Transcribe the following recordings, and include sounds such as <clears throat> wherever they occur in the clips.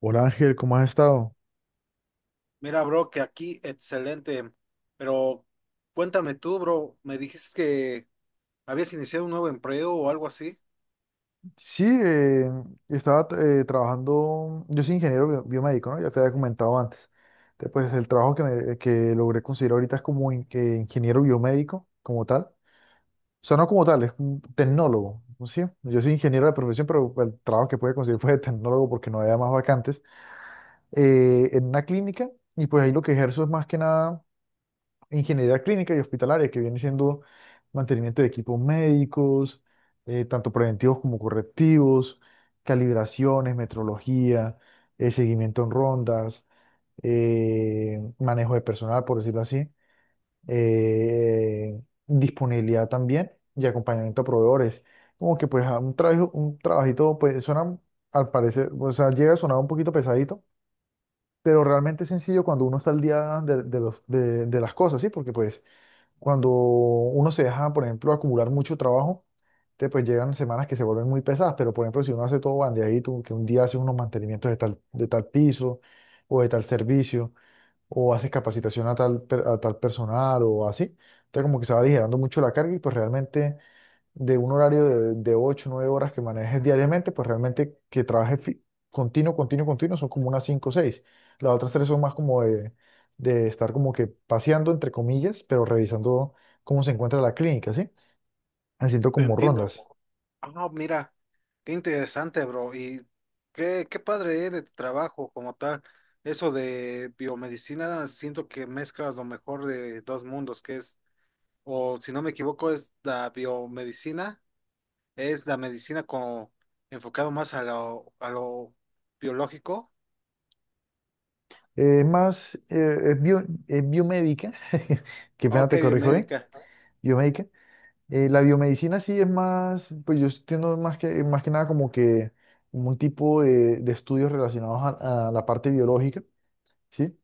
Hola Ángel, ¿cómo has estado? Mira, bro, que aquí excelente, pero cuéntame tú, bro, me dijiste que habías iniciado un nuevo empleo o algo así. Sí, estaba trabajando. Yo soy ingeniero biomédico, ¿no? Ya te había comentado antes. Entonces, pues el trabajo que, que logré conseguir ahorita es como que ingeniero biomédico, como tal. O sea, no como tal, es un tecnólogo, ¿no? ¿Sí? Yo soy ingeniero de profesión, pero el trabajo que pude conseguir <laughs> fue de tecnólogo porque no había más vacantes en una clínica. Y pues ahí lo que ejerzo es más que nada ingeniería clínica y hospitalaria, que viene siendo mantenimiento de equipos médicos, tanto preventivos como correctivos, calibraciones, metrología, seguimiento en rondas, manejo de personal, por decirlo así, eh, disponibilidad también y acompañamiento a proveedores. Como que pues a un trabajo, un trabajito, pues suena al parecer, o sea, llega a sonar un poquito pesadito, pero realmente es sencillo cuando uno está al día de los, de las cosas, ¿sí? Porque pues cuando uno se deja, por ejemplo, acumular mucho trabajo, te pues llegan semanas que se vuelven muy pesadas, pero por ejemplo, si uno hace todo bandeadito, que un día haces unos mantenimientos de tal piso o de tal servicio, o haces capacitación a tal, a tal personal o así, entonces como que se va aligerando mucho la carga y pues realmente de un horario de 8 9 horas que manejes diariamente, pues realmente que trabajes continuo, continuo, continuo son como unas 5 o 6. Las otras 3 son más como de estar como que paseando, entre comillas, pero revisando cómo se encuentra la clínica, ¿sí? Haciendo Te como entiendo. rondas. Ah, mira, qué interesante, bro, y qué padre es de tu trabajo como tal. Eso de biomedicina, siento que mezclas lo mejor de dos mundos, que es, o si no me equivoco, es la biomedicina, es la medicina como enfocado más a a lo biológico. Más, es es biomédica, <laughs> qué Ah, pena ok, te corrijo, ¿eh? biomédica. Biomédica. La biomedicina sí es más, pues yo entiendo más que nada como que un tipo de estudios relacionados a la parte biológica. ¿Sí?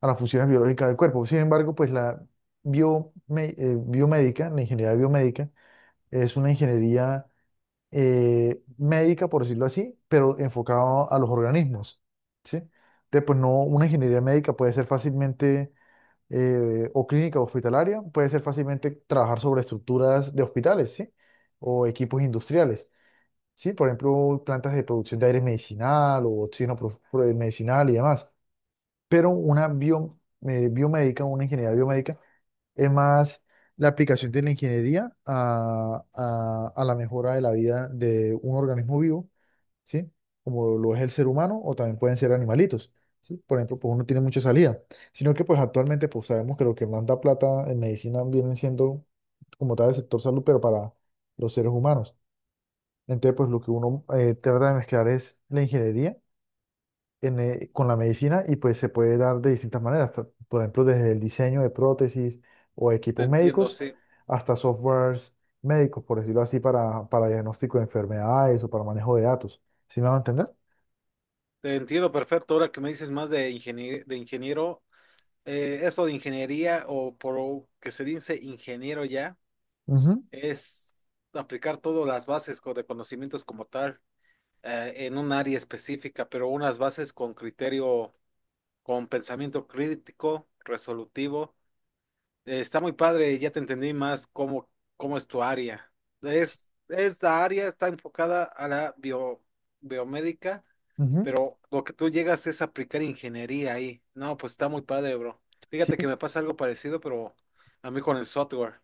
A las funciones biológicas del cuerpo. Sin embargo, pues la biomédica, la ingeniería biomédica, es una ingeniería médica, por decirlo así, pero enfocada a los organismos, ¿sí? Entonces, pues no, una ingeniería médica puede ser fácilmente, o clínica o hospitalaria, puede ser fácilmente trabajar sobre estructuras de hospitales, ¿sí? O equipos industriales. Sí, por ejemplo, plantas de producción de aire medicinal o oxígeno medicinal y demás. Pero una biomédica, una ingeniería biomédica, es más la aplicación de la ingeniería a la mejora de la vida de un organismo vivo, ¿sí? Como lo es el ser humano o también pueden ser animalitos, ¿sí? Por ejemplo, pues uno tiene mucha salida, sino que pues actualmente pues sabemos que lo que manda plata en medicina viene siendo como tal el sector salud, pero para los seres humanos. Entonces, pues lo que uno trata de mezclar es la ingeniería con la medicina y pues se puede dar de distintas maneras, por ejemplo, desde el diseño de prótesis o Te equipos entiendo, médicos sí. hasta softwares médicos, por decirlo así, para diagnóstico de enfermedades o para manejo de datos. ¿Sí me van a entender? Te entiendo perfecto. Ahora que me dices más de ingeniero, eso de ingeniería o por lo que se dice ingeniero ya, Ujú, es aplicar todas las bases de conocimientos como tal en un área específica, pero unas bases con criterio, con pensamiento crítico, resolutivo. Está muy padre, ya te entendí más cómo es tu área. Esta área está enfocada a la biomédica. ujú, Pero lo que tú llegas es aplicar ingeniería ahí. No, pues está muy padre, bro. sí, Fíjate que me pasa algo parecido, pero a mí con el software.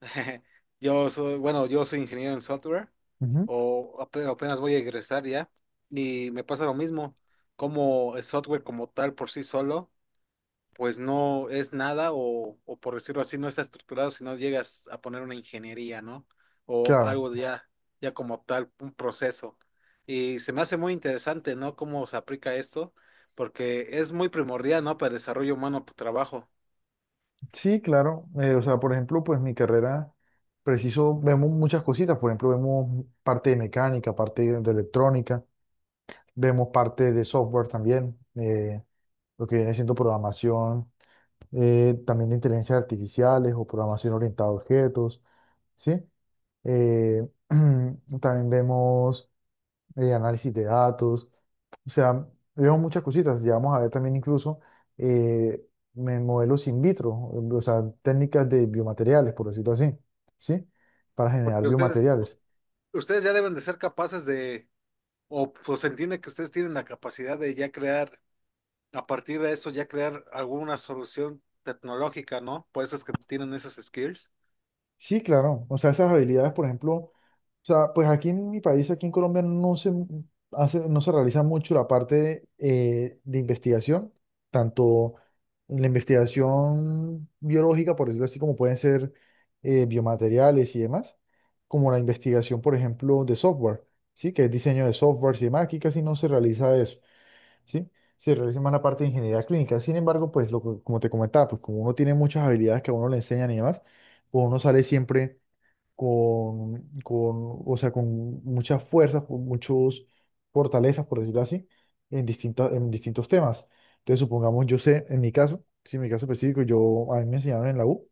<laughs> Yo soy, bueno, yo soy ingeniero en software, ujú, o apenas voy a egresar ya, y me pasa lo mismo, como el software como tal por sí solo pues no es nada o por decirlo así, no está estructurado si no llegas a poner una ingeniería, ¿no? O claro. algo de ya, ya como tal, un proceso. Y se me hace muy interesante, ¿no? Cómo se aplica esto, porque es muy primordial, ¿no? Para el desarrollo humano tu trabajo. Sí, claro. O sea, por ejemplo, pues mi carrera, preciso, vemos muchas cositas. Por ejemplo, vemos parte de mecánica, parte de electrónica, vemos parte de software también, lo que viene siendo programación también de inteligencias artificiales o programación orientada a objetos, ¿sí? Eh, <clears throat> también vemos análisis de datos, o sea, vemos muchas cositas, llegamos a ver también incluso eh, modelos in vitro, o sea, técnicas de biomateriales, por decirlo así, ¿sí? Para generar Porque ustedes, biomateriales. ustedes ya deben de ser capaces de, o pues se entiende que ustedes tienen la capacidad de ya crear, a partir de eso, ya crear alguna solución tecnológica, ¿no? Por eso es que tienen esas skills. Sí, claro. O sea, esas habilidades, por ejemplo, o sea, pues aquí en mi país, aquí en Colombia, no se hace, no se realiza mucho la parte de investigación, tanto la investigación biológica, por decirlo así, como pueden ser biomateriales y demás, como la investigación, por ejemplo, de software, ¿sí? Que es diseño de software y demás. Aquí casi no se realiza eso. ¿Sí? Se realiza más la parte de ingeniería clínica. Sin embargo, pues lo, como te comentaba, pues como uno tiene muchas habilidades que a uno le enseñan y demás, pues uno sale siempre o sea, con muchas fuerzas, con muchas fortalezas, por decirlo así, en distintas, en distintos temas. Entonces, supongamos, yo sé, en mi caso, sí, en mi caso específico, yo, a mí me enseñaron en la U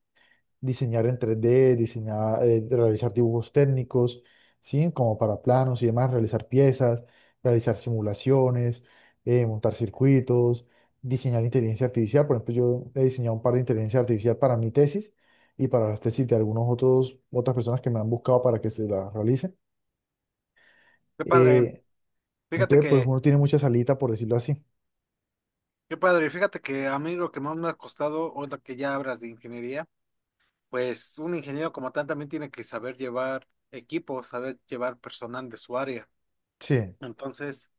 diseñar en 3D, diseñar, realizar dibujos técnicos, ¿sí? Como para planos y demás, realizar piezas, realizar simulaciones, montar circuitos, diseñar inteligencia artificial. Por ejemplo, yo he diseñado un par de inteligencia artificial para mi tesis y para las tesis de algunos otros, otras personas que me han buscado para que se las realice. Qué padre. Eh, Fíjate entonces, pues que uno tiene mucha salita, por decirlo así. Qué padre, fíjate que a mí lo que más me ha costado, ahora que ya hablas de ingeniería, pues un ingeniero como tal también tiene que saber llevar equipos, saber llevar personal de su área. Sí. Entonces,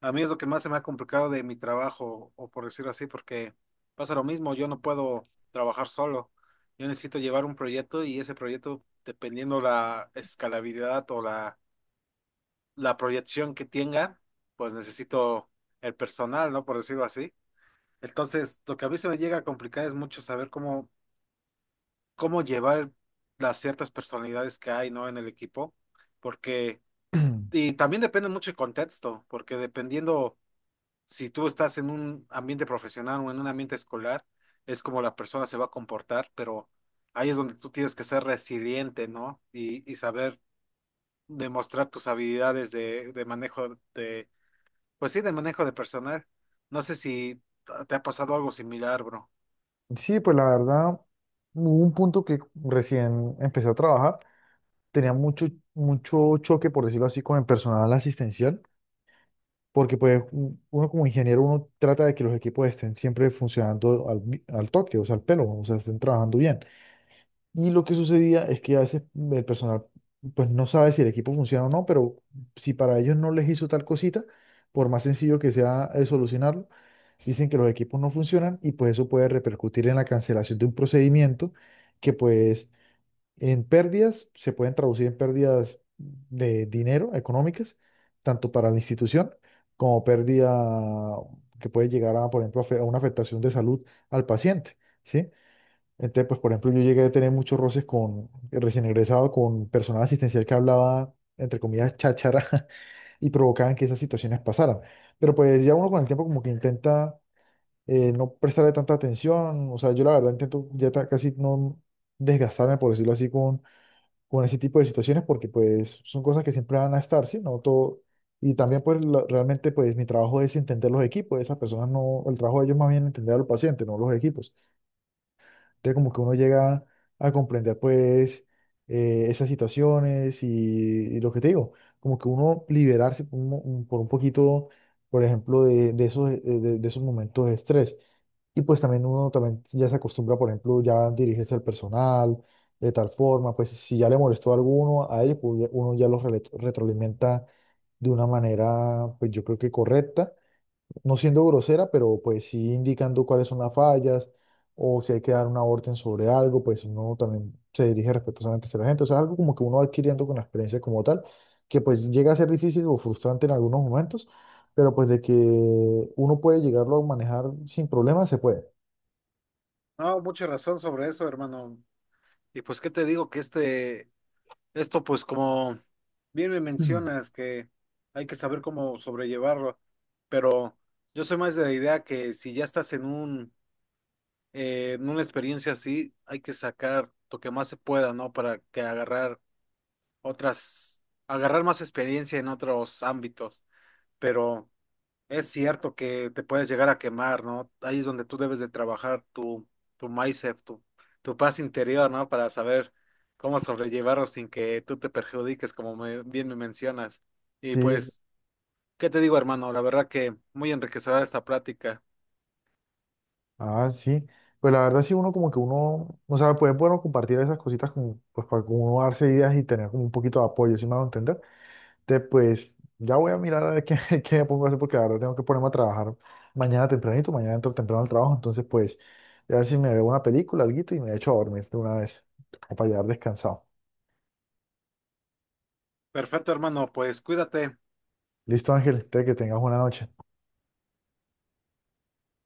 a mí es lo que más se me ha complicado de mi trabajo, o por decirlo así, porque pasa lo mismo, yo no puedo trabajar solo. Yo necesito llevar un proyecto y ese proyecto, dependiendo la escalabilidad o la proyección que tenga, pues necesito el personal, ¿no? Por decirlo así. Entonces, lo que a mí se me llega a complicar es mucho saber cómo llevar las ciertas personalidades que hay, ¿no? En el equipo, porque, <clears throat> y también depende mucho el contexto, porque dependiendo si tú estás en un ambiente profesional o en un ambiente escolar, es como la persona se va a comportar, pero ahí es donde tú tienes que ser resiliente, ¿no? Y saber demostrar tus habilidades de manejo pues sí, de manejo de personal. No sé si te ha pasado algo similar, bro. Sí, pues la verdad, hubo un punto que recién empecé a trabajar tenía mucho, mucho choque, por decirlo así, con el personal asistencial, porque pues uno como ingeniero, uno trata de que los equipos estén siempre funcionando al toque, o sea, al pelo, o sea, estén trabajando bien. Y lo que sucedía es que a veces el personal pues no sabe si el equipo funciona o no, pero si para ellos no les hizo tal cosita, por más sencillo que sea solucionarlo, dicen que los equipos no funcionan y pues eso puede repercutir en la cancelación de un procedimiento que pues en pérdidas, se pueden traducir en pérdidas de dinero económicas, tanto para la institución como pérdida que puede llegar a, por ejemplo, a una afectación de salud al paciente, ¿sí? Entonces, pues, por ejemplo, yo llegué a tener muchos roces con, recién egresado, con personal asistencial que hablaba, entre comillas, cháchara <laughs> y provocaban que esas situaciones pasaran. Pero pues ya uno con el tiempo como que intenta no prestarle tanta atención, o sea, yo la verdad intento ya casi no desgastarme, por decirlo así, con ese tipo de situaciones porque pues son cosas que siempre van a estar, ¿sí? No todo. Y también pues realmente pues mi trabajo es entender los equipos, esas personas no, el trabajo de ellos más bien entender al paciente, no los equipos. Entonces como que uno llega a comprender pues esas situaciones y lo que te digo, como que uno liberarse por por un poquito, por ejemplo, de esos, de esos momentos de estrés. Y pues también uno también ya se acostumbra, por ejemplo, ya dirigirse al personal de tal forma, pues si ya le molestó a alguno, a ellos, pues uno ya los retroalimenta de una manera, pues yo creo que correcta, no siendo grosera, pero pues sí indicando cuáles son las fallas o si hay que dar una orden sobre algo, pues uno también se dirige respetuosamente hacia la gente, o sea, algo como que uno va adquiriendo con la experiencia como tal, que pues llega a ser difícil o frustrante en algunos momentos, pero pues de que uno puede llegarlo a manejar sin problemas, se puede. No, mucha razón sobre eso, hermano. Y pues, ¿qué te digo? Que esto, pues, como bien me Mm. mencionas, que hay que saber cómo sobrellevarlo, pero yo soy más de la idea que si ya estás en un, en una experiencia así, hay que sacar lo que más se pueda, ¿no? Para que agarrar otras, agarrar más experiencia en otros ámbitos. Pero es cierto que te puedes llegar a quemar, ¿no? Ahí es donde tú debes de trabajar tu mindset, tu paz interior, ¿no? Para saber cómo sobrellevarlo sin que tú te perjudiques, como bien me mencionas. Y Sí, pues, ¿qué te digo, hermano? La verdad que muy enriquecedora esta plática. ah, sí. Pues la verdad sí, uno como que uno, o sea, pues es bueno compartir esas cositas como, pues para como uno darse ideas y tener como un poquito de apoyo, si me hago entender. Entonces, pues ya voy a mirar a ver qué, <laughs> qué me pongo a hacer porque la verdad tengo que ponerme a trabajar mañana tempranito, mañana entro temprano al trabajo, entonces pues a ver si me veo una película, alguito y me echo a dormir de una vez, como para llegar descansado. Perfecto, hermano, pues cuídate. Listo, Ángel, te que tengas buena noche.